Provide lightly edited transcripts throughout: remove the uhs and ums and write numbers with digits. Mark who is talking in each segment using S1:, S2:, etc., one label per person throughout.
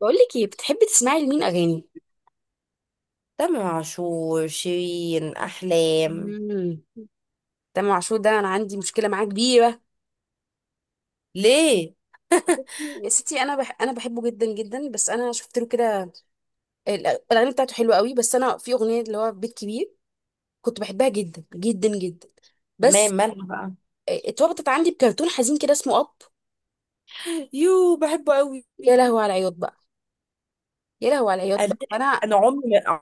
S1: بقول لك ايه، بتحبي تسمعي لمين اغاني؟
S2: تامر عاشور، شيرين، احلام.
S1: امم تامر عاشور ده، انا عندي مشكله معاه كبيره.
S2: ليه؟
S1: بصي يا ستي، انا بحبه جدا جدا. بس انا شفت له كده. الاغاني بتاعته حلوه قوي. بس انا في اغنيه اللي هو بيت كبير، كنت بحبها جدا جدا جدا. بس
S2: تمام، مالها بقى؟
S1: اتربطت عندي بكرتون حزين كده اسمه اب.
S2: يو بحبه قوي.
S1: يا لهوي على العياط بقى، يا لهوي على العياط
S2: انا
S1: بقى، فانا،
S2: انا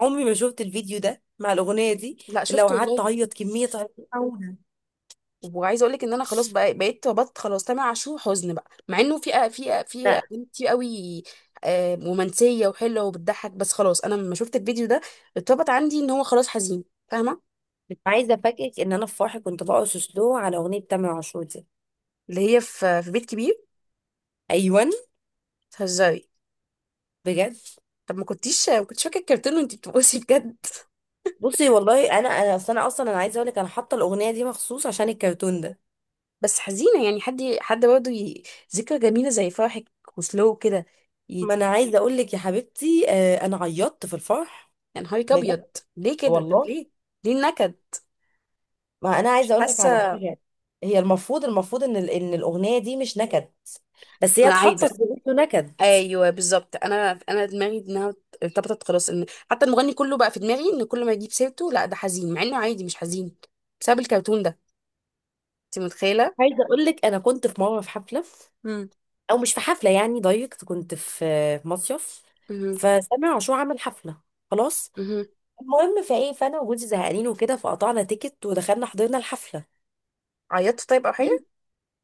S2: عمري ما شفت الفيديو ده مع الاغنيه دي.
S1: لا،
S2: لو
S1: شفته
S2: قعدت
S1: والله.
S2: اعيط كميه عياط أوي.
S1: وعايزه اقول لك ان انا خلاص بقى بقيت ربطت خلاص تامر عاشور حزن بقى، مع انه في
S2: لا،
S1: اغاني كتير قوي، رومانسيه وحلوه وبتضحك. بس خلاص انا لما شفت الفيديو ده اتربط عندي ان هو خلاص حزين. فاهمه؟
S2: مش عايزه افاجئك ان انا في فرحي كنت برقص سلو على اغنيه تامر عاشور دي.
S1: اللي هي في بيت كبير.
S2: ايوه،
S1: تهزري؟
S2: بجد.
S1: طب، ما كنتش فاكره الكرتون وانت بتبصي بجد؟
S2: بصي والله انا اصلا انا عايزه اقول لك انا حاطه الاغنيه دي مخصوص عشان الكرتون ده.
S1: بس حزينه يعني، حد برضه، ذكرى جميله زي فرحك وسلو كده. ي-
S2: ما انا عايزه اقول لك يا حبيبتي، آه، انا عيطت في الفرح.
S1: يا نهارك
S2: بجد،
S1: ابيض. ليه كده؟ طب
S2: والله.
S1: ليه؟ النكد؟
S2: ما انا
S1: مش
S2: عايزه اقول لك على
S1: حاسه.
S2: حاجه. هي المفروض ان ان الاغنيه دي مش نكد، بس هي
S1: ما انا
S2: اتحطت
S1: عايزه،
S2: في بيته نكد.
S1: ايوه بالظبط، انا دماغي انها ارتبطت خلاص ان حتى المغني كله بقى في دماغي، ان كل ما يجيب سيرته لا ده حزين، مع انه عادي، مش حزين، بسبب الكرتون ده. انت متخيله؟
S2: عايزه اقول لك انا كنت في مره في حفله،
S1: امم
S2: او مش في حفله يعني دايركت، كنت في مصيف.
S1: مهم.
S2: فسامع عاشور عمل حفله، خلاص.
S1: مهم.
S2: المهم فايه، فانا وجوزي زهقانين وكده، فقطعنا تيكت ودخلنا حضرنا الحفله.
S1: عيطت طيب او حاجه؟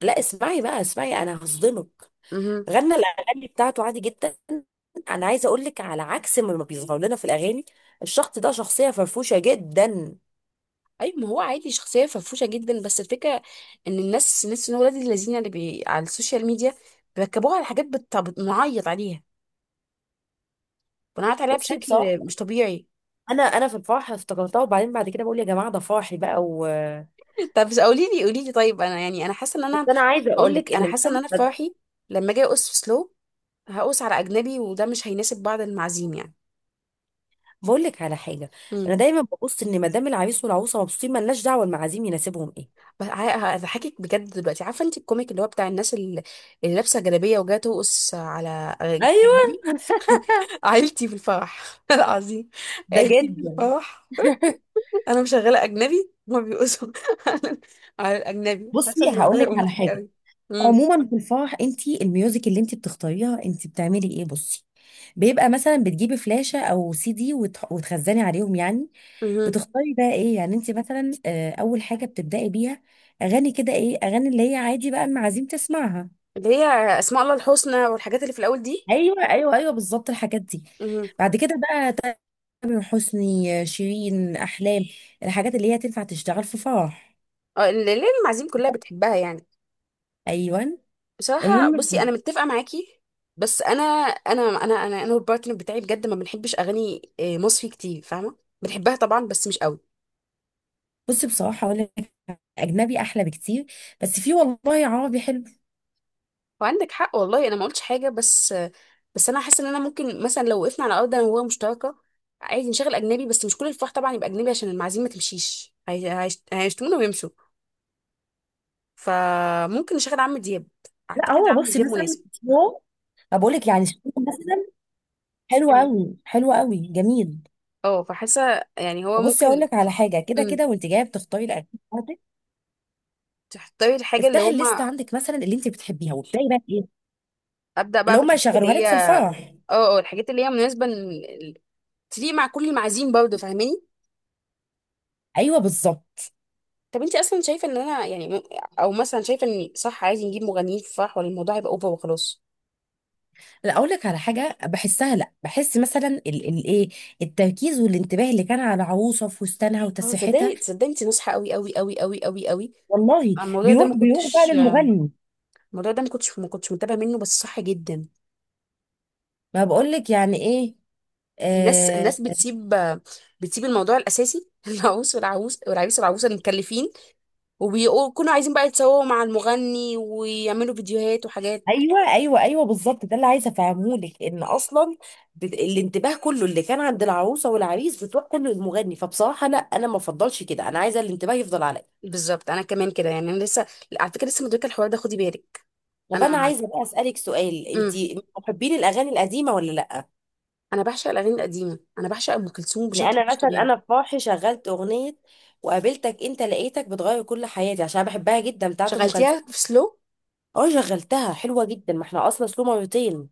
S2: لا اسمعي بقى، اسمعي انا هصدمك.
S1: مهم.
S2: غنى الاغاني بتاعته عادي جدا. انا عايزه اقول لك على عكس ما بيظهر لنا في الاغاني، الشخص ده شخصيه فرفوشه جدا.
S1: ايوه، ما هو عادي شخصيه فرفوشه جدا. بس الفكره ان الناس، ان ولاد الذين اللي على السوشيال ميديا بيركبوها على حاجات، بنعيط عليها
S2: بصي بصراحه،
S1: بشكل مش طبيعي.
S2: انا في الفرح افتكرتها، وبعدين بعد كده بقول يا جماعه ده فرحي بقى و…
S1: طب، قولي لي، قولي لي. طيب انا يعني، انا حاسه ان
S2: بس
S1: انا،
S2: انا عايزه
S1: هقول
S2: اقول لك
S1: لك، انا
S2: ان
S1: حاسه ان
S2: مدام…
S1: انا في فرحي لما اجي ارقص في سلو هقوس على اجنبي، وده مش هيناسب بعض المعازيم يعني.
S2: بقول لك على حاجه،
S1: امم
S2: انا دايما ببص ان مدام العريس والعروسه مبسوطين ملناش دعوه المعازيم يناسبهم ايه.
S1: بس، هضحكك بجد دلوقتي. عارفه انت الكوميك اللي هو بتاع الناس، اللي لابسه جلابيه وجايه ترقص على
S2: ايوه
S1: اجنبي؟ عيلتي في الفرح العظيم.
S2: ده
S1: عيلتي في
S2: جدا.
S1: الفرح. انا مشغله اجنبي، هما بيقصوا على الاجنبي، حاسه
S2: بصي
S1: ان
S2: هقول
S1: الموضوع
S2: لك
S1: هيبقى
S2: على
S1: مضحك
S2: حاجه،
S1: قوي. امم
S2: عموما في الفرح انت الميوزك اللي انت بتختاريها، انت بتعملي ايه؟ بصي، بيبقى مثلا بتجيبي فلاشة او سي دي وتخزني عليهم يعني.
S1: امم
S2: بتختاري بقى ايه يعني انت مثلا، آه، اول حاجة بتبدأي بيها؟ اغاني كده ايه، اغاني اللي هي عادي بقى المعازيم تسمعها.
S1: اللي هي اسماء الله الحسنى والحاجات اللي في الاول دي.
S2: ايوه ايوه ايوه، بالظبط الحاجات دي.
S1: امم
S2: بعد كده بقى، تامر حسني، آه، شيرين، احلام، الحاجات اللي هي تنفع تشتغل في فرح.
S1: اه، اللي المعازيم كلها بتحبها يعني.
S2: ايوه.
S1: بصراحة
S2: المهم،
S1: بصي، أنا متفقة معاكي. بس أنا والبارتنر بتاعي بجد ما بنحبش أغاني، مصري كتير، فاهمة؟ بنحبها طبعا بس مش قوي.
S2: بصي بصراحة اقول لك، اجنبي احلى بكتير، بس في والله عربي حلو.
S1: وعندك حق والله، أنا ما قلتش حاجة، بس أنا حاسة إن أنا ممكن مثلا لو وقفنا على أرض أنا وهو مشتركة عادي نشغل أجنبي، بس مش كل الفرح طبعا يبقى أجنبي عشان المعازيم ما تمشيش، هيشتمونا ويمشوا. فممكن نشغل عم دياب.
S2: لا
S1: أعتقد
S2: هو
S1: عم
S2: بصي،
S1: دياب
S2: مثلا
S1: مناسب.
S2: هو، بقول لك يعني شيرين مثلا، حلو
S1: مم.
S2: قوي، حلو قوي، جميل.
S1: اه، فحاسة يعني هو
S2: وبصي اقول
S1: ممكن.
S2: لك على حاجه، كده
S1: مم،
S2: كده وانت جايه بتختاري الاكل بتاعتك،
S1: تختاري الحاجة اللي
S2: افتحي الليست
S1: هما،
S2: عندك مثلا اللي انت بتحبيها، وابداي بقى ايه
S1: أبدأ
S2: اللي
S1: بقى
S2: هم
S1: بالحاجات اللي
S2: يشغلوها لك في
S1: هي،
S2: الفرح.
S1: اه الحاجات اللي هي مناسبة، تليق مع كل المعازيم برضه. فاهماني؟
S2: ايوه بالظبط.
S1: طب انت اصلا شايفة ان انا يعني، او مثلا شايفة ان صح، عايز نجيب مغنيين في الفرح ولا الموضوع يبقى اوفر وخلاص؟
S2: لا اقول لك على حاجه بحسها، لا بحس مثلا ايه، التركيز والانتباه اللي كان على عروسه في فستانها
S1: اه،
S2: وتسريحتها،
S1: صدقني صدقني، انت نصحة قوي قوي قوي قوي قوي قوي.
S2: والله
S1: الموضوع ده
S2: بيروح
S1: ما
S2: بيروح بقى
S1: كنتش
S2: للمغني.
S1: الموضوع ده ما كنتش متابعة منه، بس صح جدا.
S2: ما بقول لك يعني ايه،
S1: الناس،
S2: آه،
S1: بتسيب، الموضوع الاساسي. العروس والعروس والعريس والعروسة المكلفين، وبيكونوا عايزين بقى يتصوروا مع المغني ويعملوا فيديوهات وحاجات.
S2: ايوه ايوه ايوه بالظبط، ده اللي عايزه افهمه لك ان اصلا، الانتباه كله اللي كان عند العروسه والعريس بتروح كله للمغني. فبصراحه لا، انا ما افضلش كده، انا عايزه الانتباه يفضل عليا.
S1: بالظبط، انا كمان كده يعني، انا لسه، على فكره، لسه مدركه الحوار ده، خدي بالك.
S2: طب
S1: انا،
S2: انا عايزه بقى اسالك سؤال، انت
S1: امم
S2: محبين الاغاني القديمه ولا لا؟
S1: انا بعشق الاغاني القديمه. انا بعشق ام كلثوم
S2: يعني
S1: بشكل
S2: انا
S1: مش
S2: مثلا
S1: طبيعي.
S2: انا في فرحي شغلت اغنيه وقابلتك انت لقيتك بتغير كل حياتي، عشان أنا بحبها جدا، بتاعت ام
S1: شغلتيها
S2: كلثوم.
S1: في سلو؟
S2: اه، شغلتها حلوه جدا، ما احنا اصلا سلو مرتين.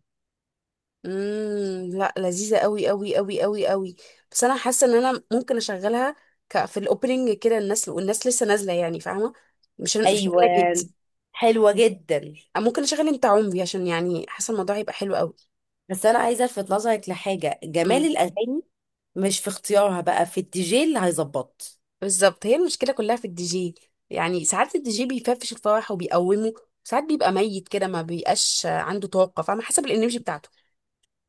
S1: لا، لذيذه قوي قوي قوي قوي قوي. بس انا حاسه ان انا ممكن اشغلها، في الاوبننج كده، الناس والناس لسه نازله يعني، فاهمه؟ مش انا
S2: ايوه،
S1: جيت.
S2: حلوه جدا.
S1: ممكن اشغل انت عمري، عشان يعني حاسه الموضوع هيبقى حلو
S2: بس انا عايزه الفت نظرك لحاجه،
S1: قوي.
S2: جمال الاغاني مش في اختيارها بقى، في الدي جي اللي هيظبط.
S1: بالظبط، هي المشكله كلها في الدي جي. يعني ساعات الدي جي بيفرفش الفرح وبيقومه، ساعات بيبقى ميت كده، ما بيبقاش عنده طاقه، فاهمه؟ حسب الانرجي بتاعته.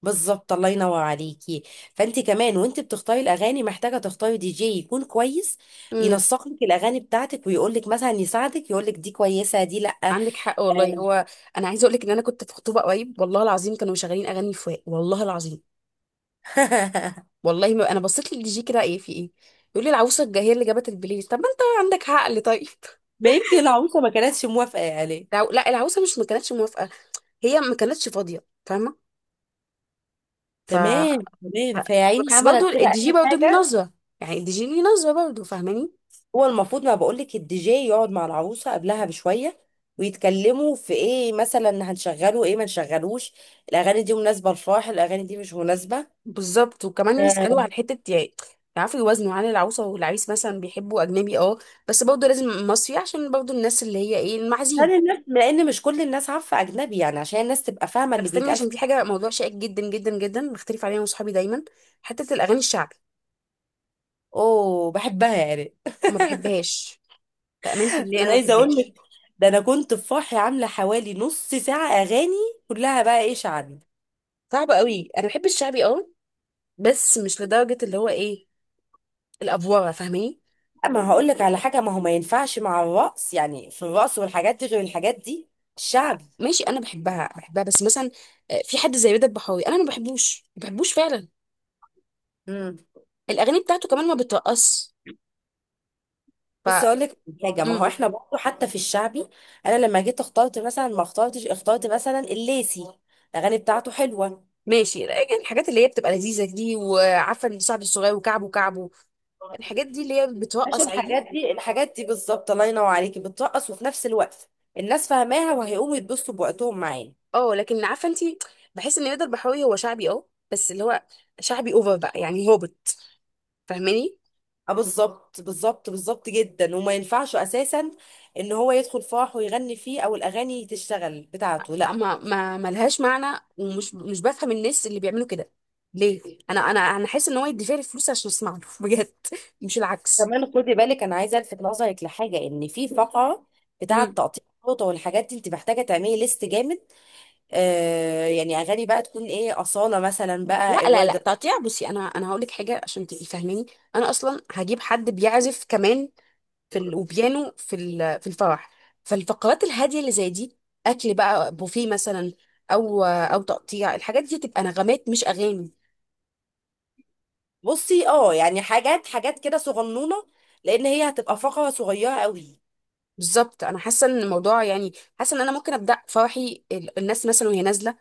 S2: بالظبط، الله ينور عليكي. فانت كمان وانت بتختاري الاغاني محتاجه تختاري دي جي يكون كويس،
S1: امم
S2: ينسق لك الاغاني بتاعتك ويقول لك مثلا، يساعدك يقول لك دي كويسه دي لا.
S1: عندك حق والله. هو، انا عايزه اقول لك ان انا كنت في خطوبه قريب، والله العظيم كانوا مشغلين اغاني فواق، والله العظيم. والله ما انا بصيت للدي جي كده، ايه في ايه؟ يقول لي العروسه، هي اللي جابت البلاي. طب ما انت عندك عقل طيب.
S2: ما يمكن العروسه ما كانتش موافقه يعني.
S1: لا، العروسه مش ما كانتش موافقه، هي ما كانتش فاضيه، فاهمه؟ ف
S2: تمام،
S1: ف-
S2: تمام. فيا عيني،
S1: بس برضه
S2: عملت كده
S1: الدي جي
S2: اي
S1: برضه ليه
S2: حاجه.
S1: نظره. يعني الدي جي ليه نظره برضه. فاهماني؟
S2: هو المفروض، ما بقول لك، الدي جي يقعد مع العروسه قبلها بشويه ويتكلموا في ايه مثلا، هنشغله ايه، ما نشغلوش، الاغاني دي مناسبه للفرح، الاغاني دي مش مناسبه.
S1: بالظبط. وكمان يسألوا على
S2: آه،
S1: حتة يعني، يعرفوا يوازنوا عن العروسة والعريس. مثلا بيحبوا أجنبي اه، بس برضه لازم مصري عشان برضه الناس اللي هي ايه، المعازيم.
S2: هل الناس، لان مش كل الناس عارفه اجنبي يعني، عشان الناس تبقى فاهمه
S1: طب
S2: اللي
S1: استني،
S2: بيتقال
S1: عشان في حاجة، موضوع شائك جدا جدا جدا، بختلف عليها أنا وصحابي دايما. حتة الأغاني الشعبي،
S2: اوه، بحبها يعني.
S1: ما بحبهاش. بأمانة الله
S2: انا
S1: أنا ما
S2: عايزه اقول لك،
S1: بحبهاش.
S2: ده انا كنت في فرحي عامله حوالي نص ساعه اغاني، كلها بقى ايه، شعبي.
S1: صعبة قوي. أنا بحب الشعبي اه، بس مش لدرجة اللي هو ايه، الأفوارة، فاهماني؟
S2: اما هقول لك على حاجه، ما هو ما ينفعش مع الرقص يعني، في الرقص والحاجات دي غير الحاجات دي الشعبي.
S1: ماشي، أنا بحبها بحبها بس مثلا، في حد زي رضا البحراوي أنا ما بحبوش ما بحبوش فعلا.
S2: امم.
S1: الأغاني بتاعته كمان ما بترقص. ف
S2: بصي اقول لك حاجه، ما هو
S1: مم.
S2: احنا برضه حتى في الشعبي، انا لما جيت اخترت مثلا، ما اخترتش، اخترت مثلا الليسي، الاغاني بتاعته حلوه.
S1: ماشي. الحاجات اللي هي بتبقى لذيذة دي، وعارفة ان صاحبي الصغير، وكعبه كعبه، الحاجات دي اللي هي بتوقع
S2: عشان
S1: عادي.
S2: الحاجات دي، الحاجات دي بالظبط، الله ينور عليكي، بترقص وفي نفس الوقت الناس فاهماها وهيقوموا يتبسطوا بوقتهم معانا.
S1: اه لكن عارفة انت، بحس ان رضا البحراوي هو شعبي اه، بس اللي هو شعبي اوفر بقى يعني هابط، فاهماني؟
S2: اه بالظبط، بالظبط، بالظبط جدا، وما ينفعش اساسا ان هو يدخل فرح ويغني فيه، او الاغاني تشتغل بتاعته، لا.
S1: اما ما ملهاش معنى، ومش مش بفهم الناس اللي بيعملوا كده ليه. انا حاسس ان هو يدفع لي فلوس عشان اسمع له. بجد، مش العكس.
S2: كمان خدي بالك، انا عايزه الفت نظرك لحاجه، ان في فقره بتاعه
S1: مم.
S2: تقطيع الفوطه والحاجات دي، انت محتاجه تعملي ليست جامد، آه، يعني اغاني بقى تكون ايه، اصاله مثلا
S1: لا
S2: بقى،
S1: لا
S2: الورد.
S1: لا، تقطيع بصي، انا هقول لك حاجه عشان تبقي فاهماني. انا اصلا هجيب حد بيعزف كمان، في وبيانو في في الفرح. فالفقرات الهاديه اللي زي دي، اكل بقى بوفيه مثلا، او تقطيع الحاجات دي، تبقى نغمات مش اغاني.
S2: بصي اه، يعني حاجات كده صغنونه، لان هي هتبقى فقره صغيره قوي.
S1: بالظبط، انا حاسه ان الموضوع يعني، حاسه ان انا ممكن ابدا فرحي، الناس مثلا وهي نازله،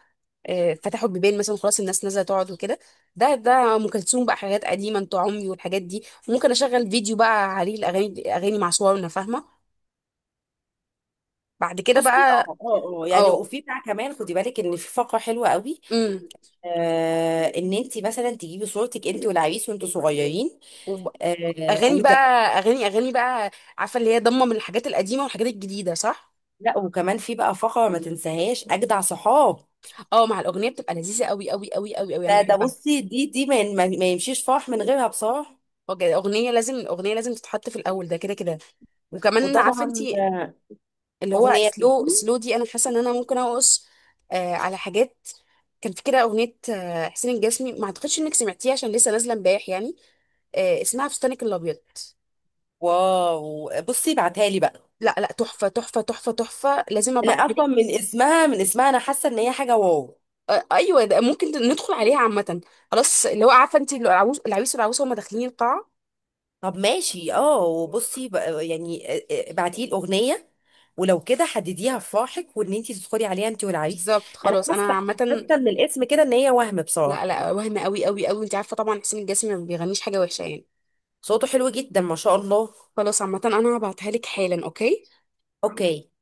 S1: فتحوا البيبان مثلا، خلاص الناس نازله تقعد وكده، ده ام كلثوم بقى، حاجات قديمه، انت عمري والحاجات دي. ممكن اشغل فيديو بقى عليه اغاني مع صورنا، فاهمه؟ بعد كده
S2: بصي
S1: بقى،
S2: اه، يعني
S1: اه،
S2: وفي بتاع كمان خدي بالك ان في فقره حلوه قوي،
S1: امم
S2: آه، ان انت مثلا تجيبي صورتك انت والعريس وانتوا صغيرين، آه،
S1: اغاني
S2: وت…
S1: بقى اغاني بقى. عارفه اللي هي ضمه من الحاجات القديمه والحاجات الجديده، صح؟
S2: لا، وكمان في بقى فقره ما تنساهاش، اجدع صحاب،
S1: اه مع الاغنيه بتبقى لذيذه قوي قوي قوي قوي قوي، انا
S2: ده ده،
S1: بحبها.
S2: بصي، دي دي ما يمشيش فرح من غيرها بصراحه.
S1: وج- اغنيه لازم الاغنيه لازم تتحط في الاول، ده كده كده. وكمان عارفه انت،
S2: وطبعا، آه،
S1: اللي هو
S2: اغنيه.
S1: سلو، دي انا حاسه ان انا ممكن اقص، على حاجات. كان في كده اغنيه، حسين الجسمي، ما اعتقدش انك سمعتيها عشان لسه نازله امبارح يعني. اسمها فستانك الابيض.
S2: واو، بصي بعتها لي بقى.
S1: لا لا، تحفه تحفه تحفه تحفه، لازم
S2: انا
S1: ابعتها.
S2: اصلا من اسمها، من اسمها انا حاسه ان هي حاجه واو.
S1: آه، ايوه ده ممكن ندخل عليها عامه. خلاص، اللي هو عارفه انت، اللي العروس، العريس والعروسه، هما داخلين القاعه.
S2: طب ماشي، اه، يعني ابعتي لي الاغنيه، ولو كده حدديها في فرحك وان انت تدخلي عليها انت والعريس.
S1: بالظبط،
S2: انا
S1: خلاص انا
S2: حاسه،
S1: عامه.
S2: حاسه من الاسم كده ان هي وهم
S1: لا
S2: بصراحه.
S1: لا، وهم قوي قوي قوي. انت عارفه طبعا حسين الجسمي ما بيغنيش حاجه وحشه يعني.
S2: صوته حلو جدا ما شاء الله.
S1: خلاص عامه، انا هبعتها لك حالا. اوكي.
S2: اوكي.